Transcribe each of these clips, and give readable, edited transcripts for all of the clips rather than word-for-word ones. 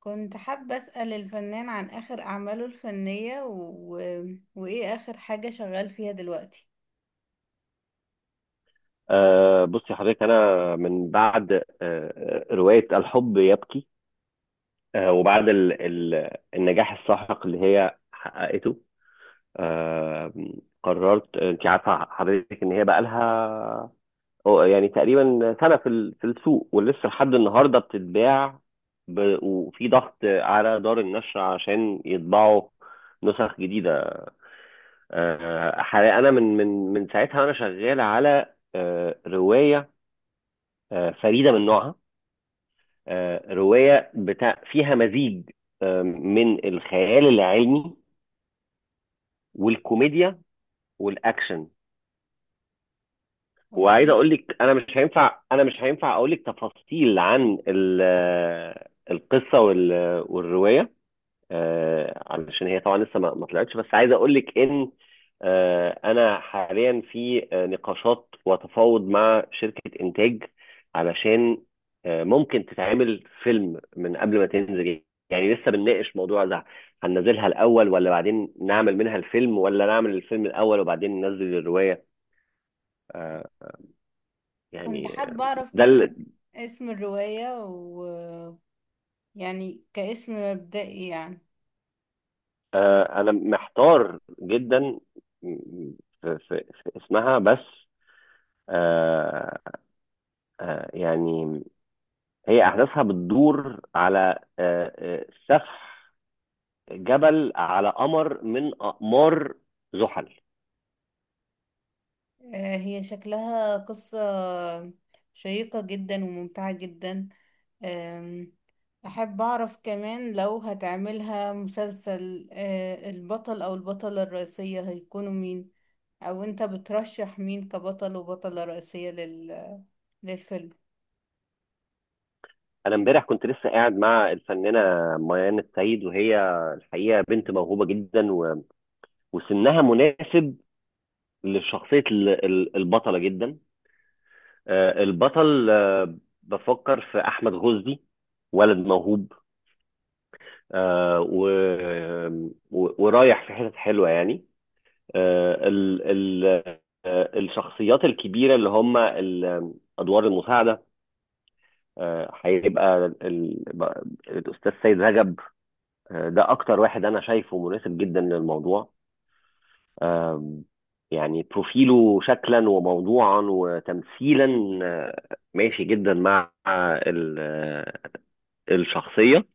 كنت حابة أسأل الفنان عن آخر أعماله الفنية وإيه آخر حاجة شغال فيها دلوقتي. بصي حضرتك انا من بعد روايه الحب يبكي. وبعد ال ال النجاح الساحق اللي هي حققته، آه قررت، انت عارفه حضرتك، ان هي بقى لها يعني تقريبا سنه في السوق ولسه لحد النهارده بتتباع، وفي ضغط على دار النشر عشان يطبعوا نسخ جديده. حقيقة انا من ساعتها وانا شغال على روايه فريده من نوعها، رواية بتاع فيها مزيج من الخيال العلمي والكوميديا والاكشن. وعايز أوكي. اقول لك، انا مش هينفع اقول لك تفاصيل عن القصة والرواية، علشان هي طبعا لسه ما طلعتش، بس عايز اقول لك ان انا حاليا في نقاشات وتفاوض مع شركة انتاج، علشان ممكن تتعمل فيلم من قبل ما تنزل. يعني لسه بنناقش موضوع ده: هننزلها الاول ولا بعدين نعمل منها الفيلم، ولا نعمل الفيلم الاول وبعدين ننزل الرواية. آه، كنت يعني، آه، حابة أعرف ده من ال- اسم الرواية و يعني كاسم مبدئي يعني. آه، انا محتار جدا في في اسمها بس. آه، يعني، هي أحداثها بتدور على سفح جبل على قمر من أقمار زحل. هي شكلها قصة شيقة جدا وممتعة جدا. آم، أحب أعرف كمان لو هتعملها مسلسل، البطل أو البطلة الرئيسية هيكونوا مين؟ او انت بترشح مين كبطل وبطلة رئيسية للفيلم؟ أنا امبارح كنت لسه قاعد مع الفنانة ميان السيد، وهي الحقيقة بنت موهوبة جدا وسنها مناسب لشخصية البطلة جدا. البطل، بفكر في أحمد غزدي، ولد موهوب. آه، و- ورايح في حتت حلوة يعني. آه، ال ال آه، الشخصيات الكبيرة اللي هم أدوار المساعدة، هيبقى الأستاذ سيد رجب. ده أكتر واحد أنا شايفه مناسب جدا للموضوع. يعني بروفيله شكلا وموضوعا وتمثيلا، ماشي جدا مع ال- آه، الشخصية.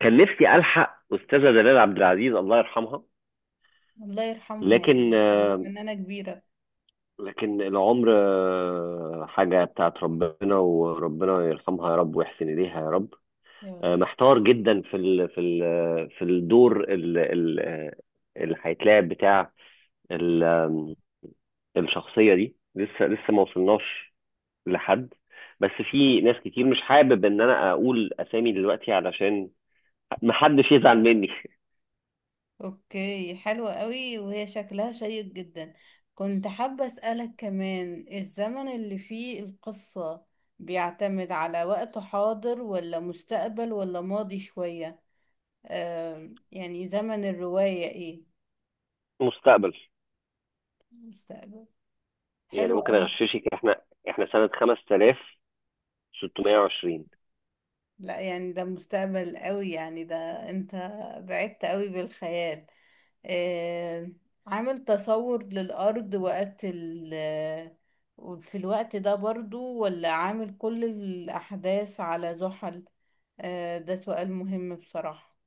كان نفسي ألحق أستاذة دلال عبد العزيز، الله يرحمها. الله يرحمها، لكن يعني كانت فنانة كبيرة. العمر حاجة بتاعت ربنا، وربنا يرحمها يا رب، ويحسن إليها يا رب. يا رب. محتار جدا في الدور اللي هيتلعب بتاع ال- آم، الشخصية دي. لسه ما وصلناش لحد، بس في ناس كتير مش حابب ان انا اقول اسامي دلوقتي علشان محدش يزعل مني. اوكي، حلوة قوي وهي شكلها شيق جدا. كنت حابة اسألك كمان، الزمن اللي فيه القصة بيعتمد على وقت حاضر ولا مستقبل ولا ماضي شوية؟ يعني زمن الرواية ايه؟ مستقبل. مستقبل؟ يعني حلو ممكن قوي. اغششك، احنا سنة 5620. لا، يعني ده مستقبل قوي، يعني ده انت بعدت قوي بالخيال. آه، عامل تصور للأرض وقت في الوقت ده برضو، ولا عامل كل الأحداث على زحل؟ ده سؤال مهم بصراحة.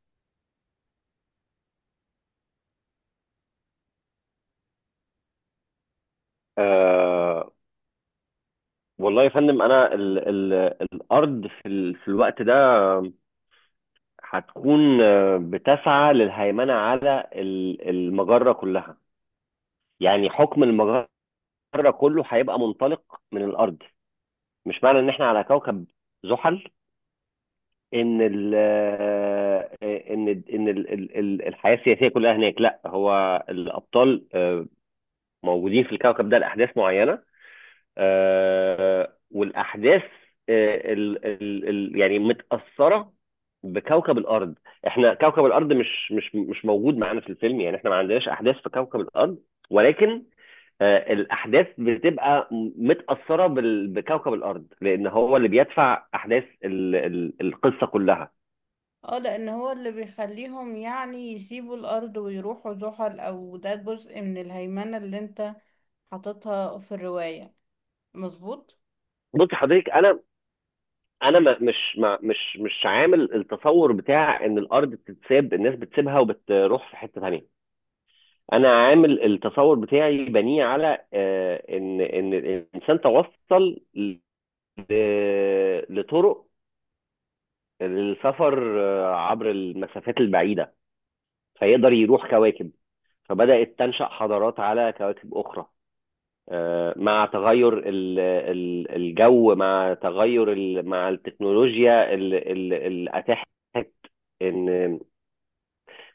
والله يا فندم، انا ال ال الارض في الوقت ده هتكون بتسعى للهيمنه على المجره كلها. يعني حكم المجره كله هيبقى منطلق من الارض. مش معنى ان احنا على كوكب زحل ان ال آه، ان ان ال ال ال- الحياه السياسيه كلها هناك. لا، هو الابطال موجودين في الكوكب ده لاحداث معينه، والاحداث آه، ال ال ال يعني متاثره بكوكب الارض. احنا كوكب الارض مش موجود معانا في الفيلم، يعني احنا ما عندناش احداث في كوكب الارض، ولكن الاحداث بتبقى متاثره بكوكب الارض، لان هو اللي بيدفع احداث القصه كلها. اه، لأن هو اللي بيخليهم يعني يسيبوا الأرض ويروحوا زحل، أو ده جزء من الهيمنة اللي انت حاططها في الرواية؟ مظبوط؟ بص حضرتك، انا مش عامل التصور بتاع ان الارض بتتساب، الناس بتسيبها وبتروح في حته ثانيه. انا عامل التصور بتاعي بنيه على ان الانسان توصل لطرق للسفر عبر المسافات البعيده، فيقدر يروح كواكب. فبدات تنشا حضارات على كواكب اخرى مع تغير الجو، مع مع التكنولوجيا اللي اتاحت ان.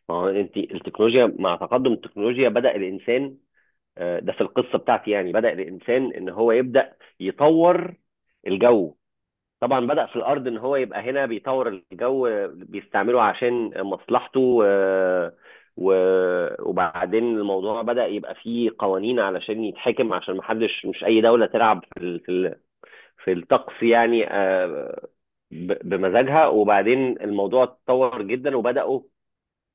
ما هو انت، التكنولوجيا، مع تقدم التكنولوجيا بدا الانسان، ده في القصه بتاعتي. يعني بدأ الانسان ان هو يبدأ يطور الجو. طبعا بدأ في الارض ان هو يبقى هنا بيطور الجو، بيستعمله عشان مصلحته، وبعدين الموضوع بدأ يبقى فيه قوانين علشان يتحكم، عشان محدش، مش اي دولة تلعب في الطقس يعني بمزاجها. وبعدين الموضوع اتطور جدا،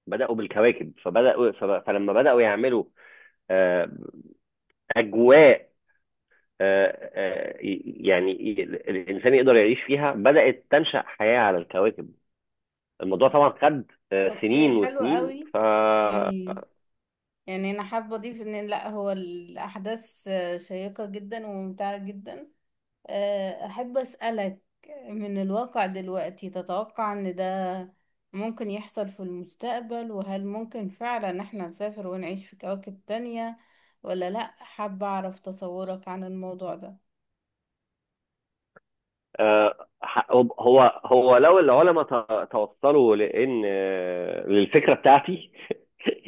بدأوا بالكواكب. فلما بدأوا يعملوا آه، اجواء آه، آه، يعني الانسان يقدر يعيش فيها، بدات تنشا حياه على الكواكب. الموضوع طبعا خد اوكي، سنين حلو وسنين. قوي. يعني يعني انا حابه اضيف ان لا، هو الاحداث شيقه جدا وممتعه جدا. احب اسالك، من الواقع دلوقتي تتوقع ان ده ممكن يحصل في المستقبل؟ وهل ممكن فعلا احنا نسافر ونعيش في كواكب تانية ولا لا؟ حابه اعرف تصورك عن الموضوع ده. هو لو العلماء توصلوا لان للفكره بتاعتي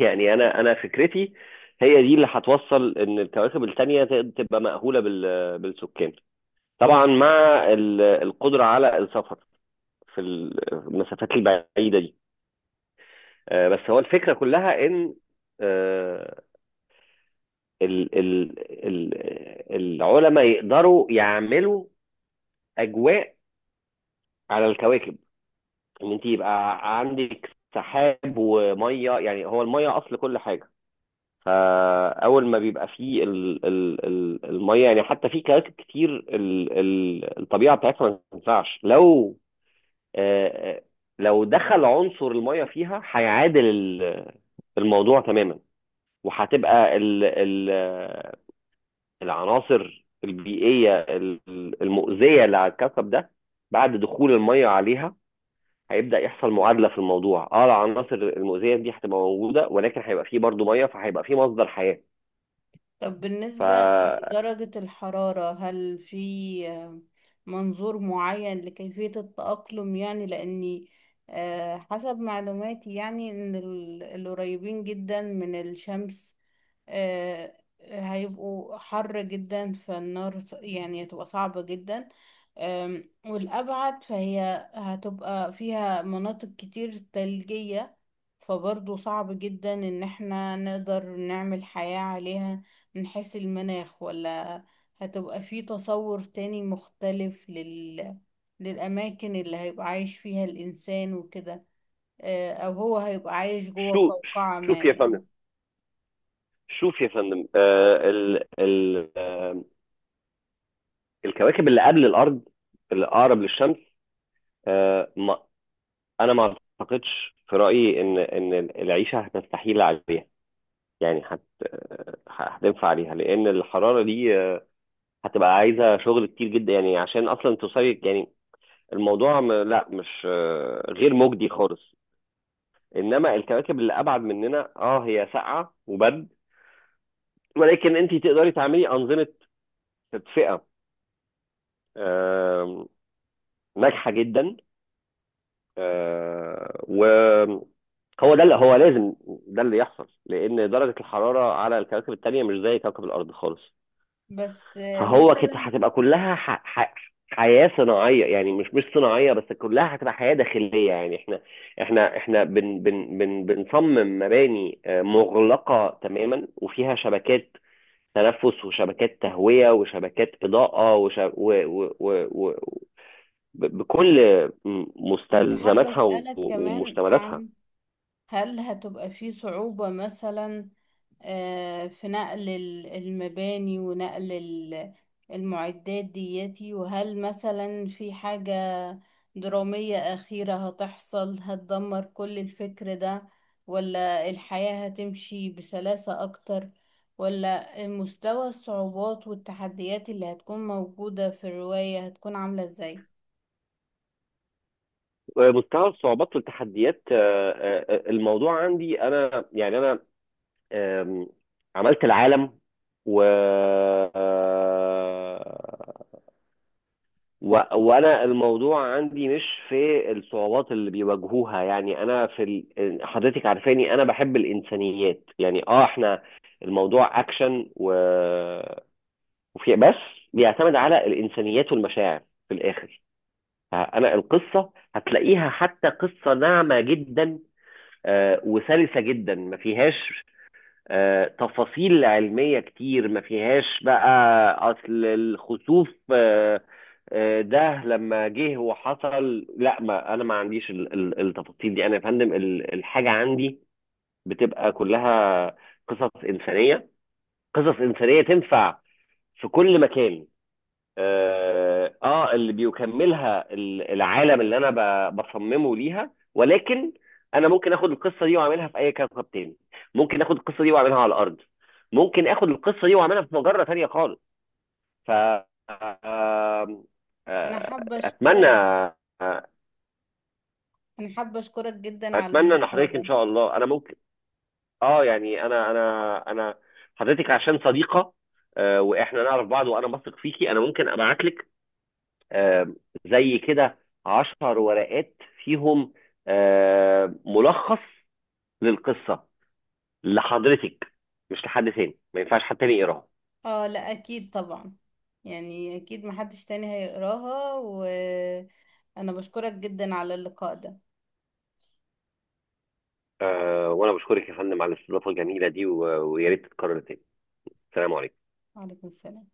يعني، انا فكرتي هي دي اللي هتوصل ان الكواكب التانيه تبقى مأهوله بالسكان، طبعا مع القدره على السفر في المسافات البعيده دي. بس هو الفكرة كلها إن آه، ال ال ال العلماء يقدروا يعملوا أجواء على الكواكب. إن أنت يبقى عندك سحاب ومية، يعني هو المية أصل كل حاجة. فأول ما بيبقى فيه ال ال ال المية، يعني حتى في كواكب كتير ال ال الطبيعة بتاعتها ما تنفعش. لو آه، آه، لو دخل عنصر المية فيها، هيعادل الموضوع تماما. وهتبقى ال ال العناصر البيئية المؤذية اللي على الكوكب ده، بعد دخول المية عليها، هيبدأ يحصل معادلة في الموضوع. اه العناصر المؤذية دي هتبقى موجودة، ولكن هيبقى فيه برضو مية، فهيبقى فيه مصدر حياة. طب بالنسبة فشو. لدرجة الحرارة، هل في منظور معين لكيفية التأقلم؟ يعني لأني حسب معلوماتي، يعني إن القريبين جدا من الشمس، آه، هيبقوا حر جدا، فالنار يعني هتبقى صعبة جدا. والأبعد فهي هتبقى فيها مناطق كتير ثلجية، فبرضه صعب جدا إن احنا نقدر نعمل حياة عليها من حيث المناخ. ولا هتبقى في تصور تاني مختلف للأماكن اللي هيبقى عايش فيها الإنسان وكده؟ أو هو هيبقى عايش جوه قوقعة ما، شوف يا يعني؟ فندم شوف يا فندم، آه ال ال آه، الكواكب اللي قبل الأرض، اللي أقرب للشمس، آه ما أنا ما أعتقدش في رأيي إن العيشة هتستحيل عليها، يعني هتنفع عليها. لان الحراره دي هتبقى عايزه شغل كتير جدا يعني، عشان اصلا توصلي يعني، الموضوع لا، مش غير مجدي خالص. انما الكواكب اللي ابعد مننا، هي ساقعه وبرد، ولكن انت تقدري تعملي انظمه تدفئه آم، ناجحه جدا. آه، و هو ده اللي هو لازم، ده اللي يحصل، لان درجه الحراره على الكواكب التانيه مش زي كوكب الارض خالص. بس فهو كده مثلا، هتبقى كلها حياة صناعية، يعني مش صناعية بس، كلها هتبقى حياة داخلية يعني. احنا احنا بن بن بن بنصمم مباني مغلقة تماما، وفيها شبكات تنفس، وشبكات تهوية، وشبكات إضاءة، وش... و... و... و... و... ب- بكل كنت حابة مستلزماتها أسألك كمان ومشتملاتها. عن، هل هتبقى في صعوبة مثلا في نقل المباني ونقل المعدات دياتي؟ وهل مثلا في حاجة درامية أخيرة هتحصل هتدمر كل الفكر ده، ولا الحياة هتمشي بسلاسة أكتر؟ ولا مستوى الصعوبات والتحديات اللي هتكون موجودة في الرواية هتكون عاملة إزاي؟ مستوى الصعوبات والتحديات، الموضوع عندي انا، يعني، انا آم، عملت العالم و... وانا الموضوع عندي مش في الصعوبات اللي بيواجهوها. يعني انا حضرتك عارفاني انا بحب الانسانيات يعني. اه احنا الموضوع اكشن وفي بس بيعتمد على الانسانيات والمشاعر في الاخر. انا القصه هتلاقيها حتى قصه ناعمه جدا، وسلسه جدا، ما فيهاش تفاصيل علمية كتير. ما فيهاش بقى أصل الخسوف ده لما جه وحصل، لا، ما أنا ما عنديش التفاصيل دي. أنا يا فندم، الحاجة عندي بتبقى كلها قصص إنسانية، قصص إنسانية تنفع في كل مكان. اللي بيكملها العالم اللي انا بصممه ليها، ولكن انا ممكن اخد القصه دي واعملها في اي كوكب تاني، ممكن اخد القصه دي واعملها على الارض، ممكن اخد القصه دي واعملها في مجره تانيه خالص. ف آه، أنا آه، حابة اتمنى. أشكرك. انا حابة اشكرك جدا على اتمنى ان اللقاء حضرتك ان ده. شاء الله، انا ممكن، اه يعني انا حضرتك عشان صديقه واحنا نعرف بعض، وانا بثق فيكي، انا ممكن ابعت لك آه، زي كده 10 ورقات فيهم ملخص للقصة، لحضرتك، مش لحد تاني. ما ينفعش حد تاني يقراها. اه، لا اكيد طبعا، يعني اكيد محدش تاني هيقراها، وانا بشكرك جدا على اللقاء ده. وانا بشكرك يا فندم على الاستضافة الجميلة دي، ويا ريت تتكرر تاني. سلام عليكم. وعليكم السلام.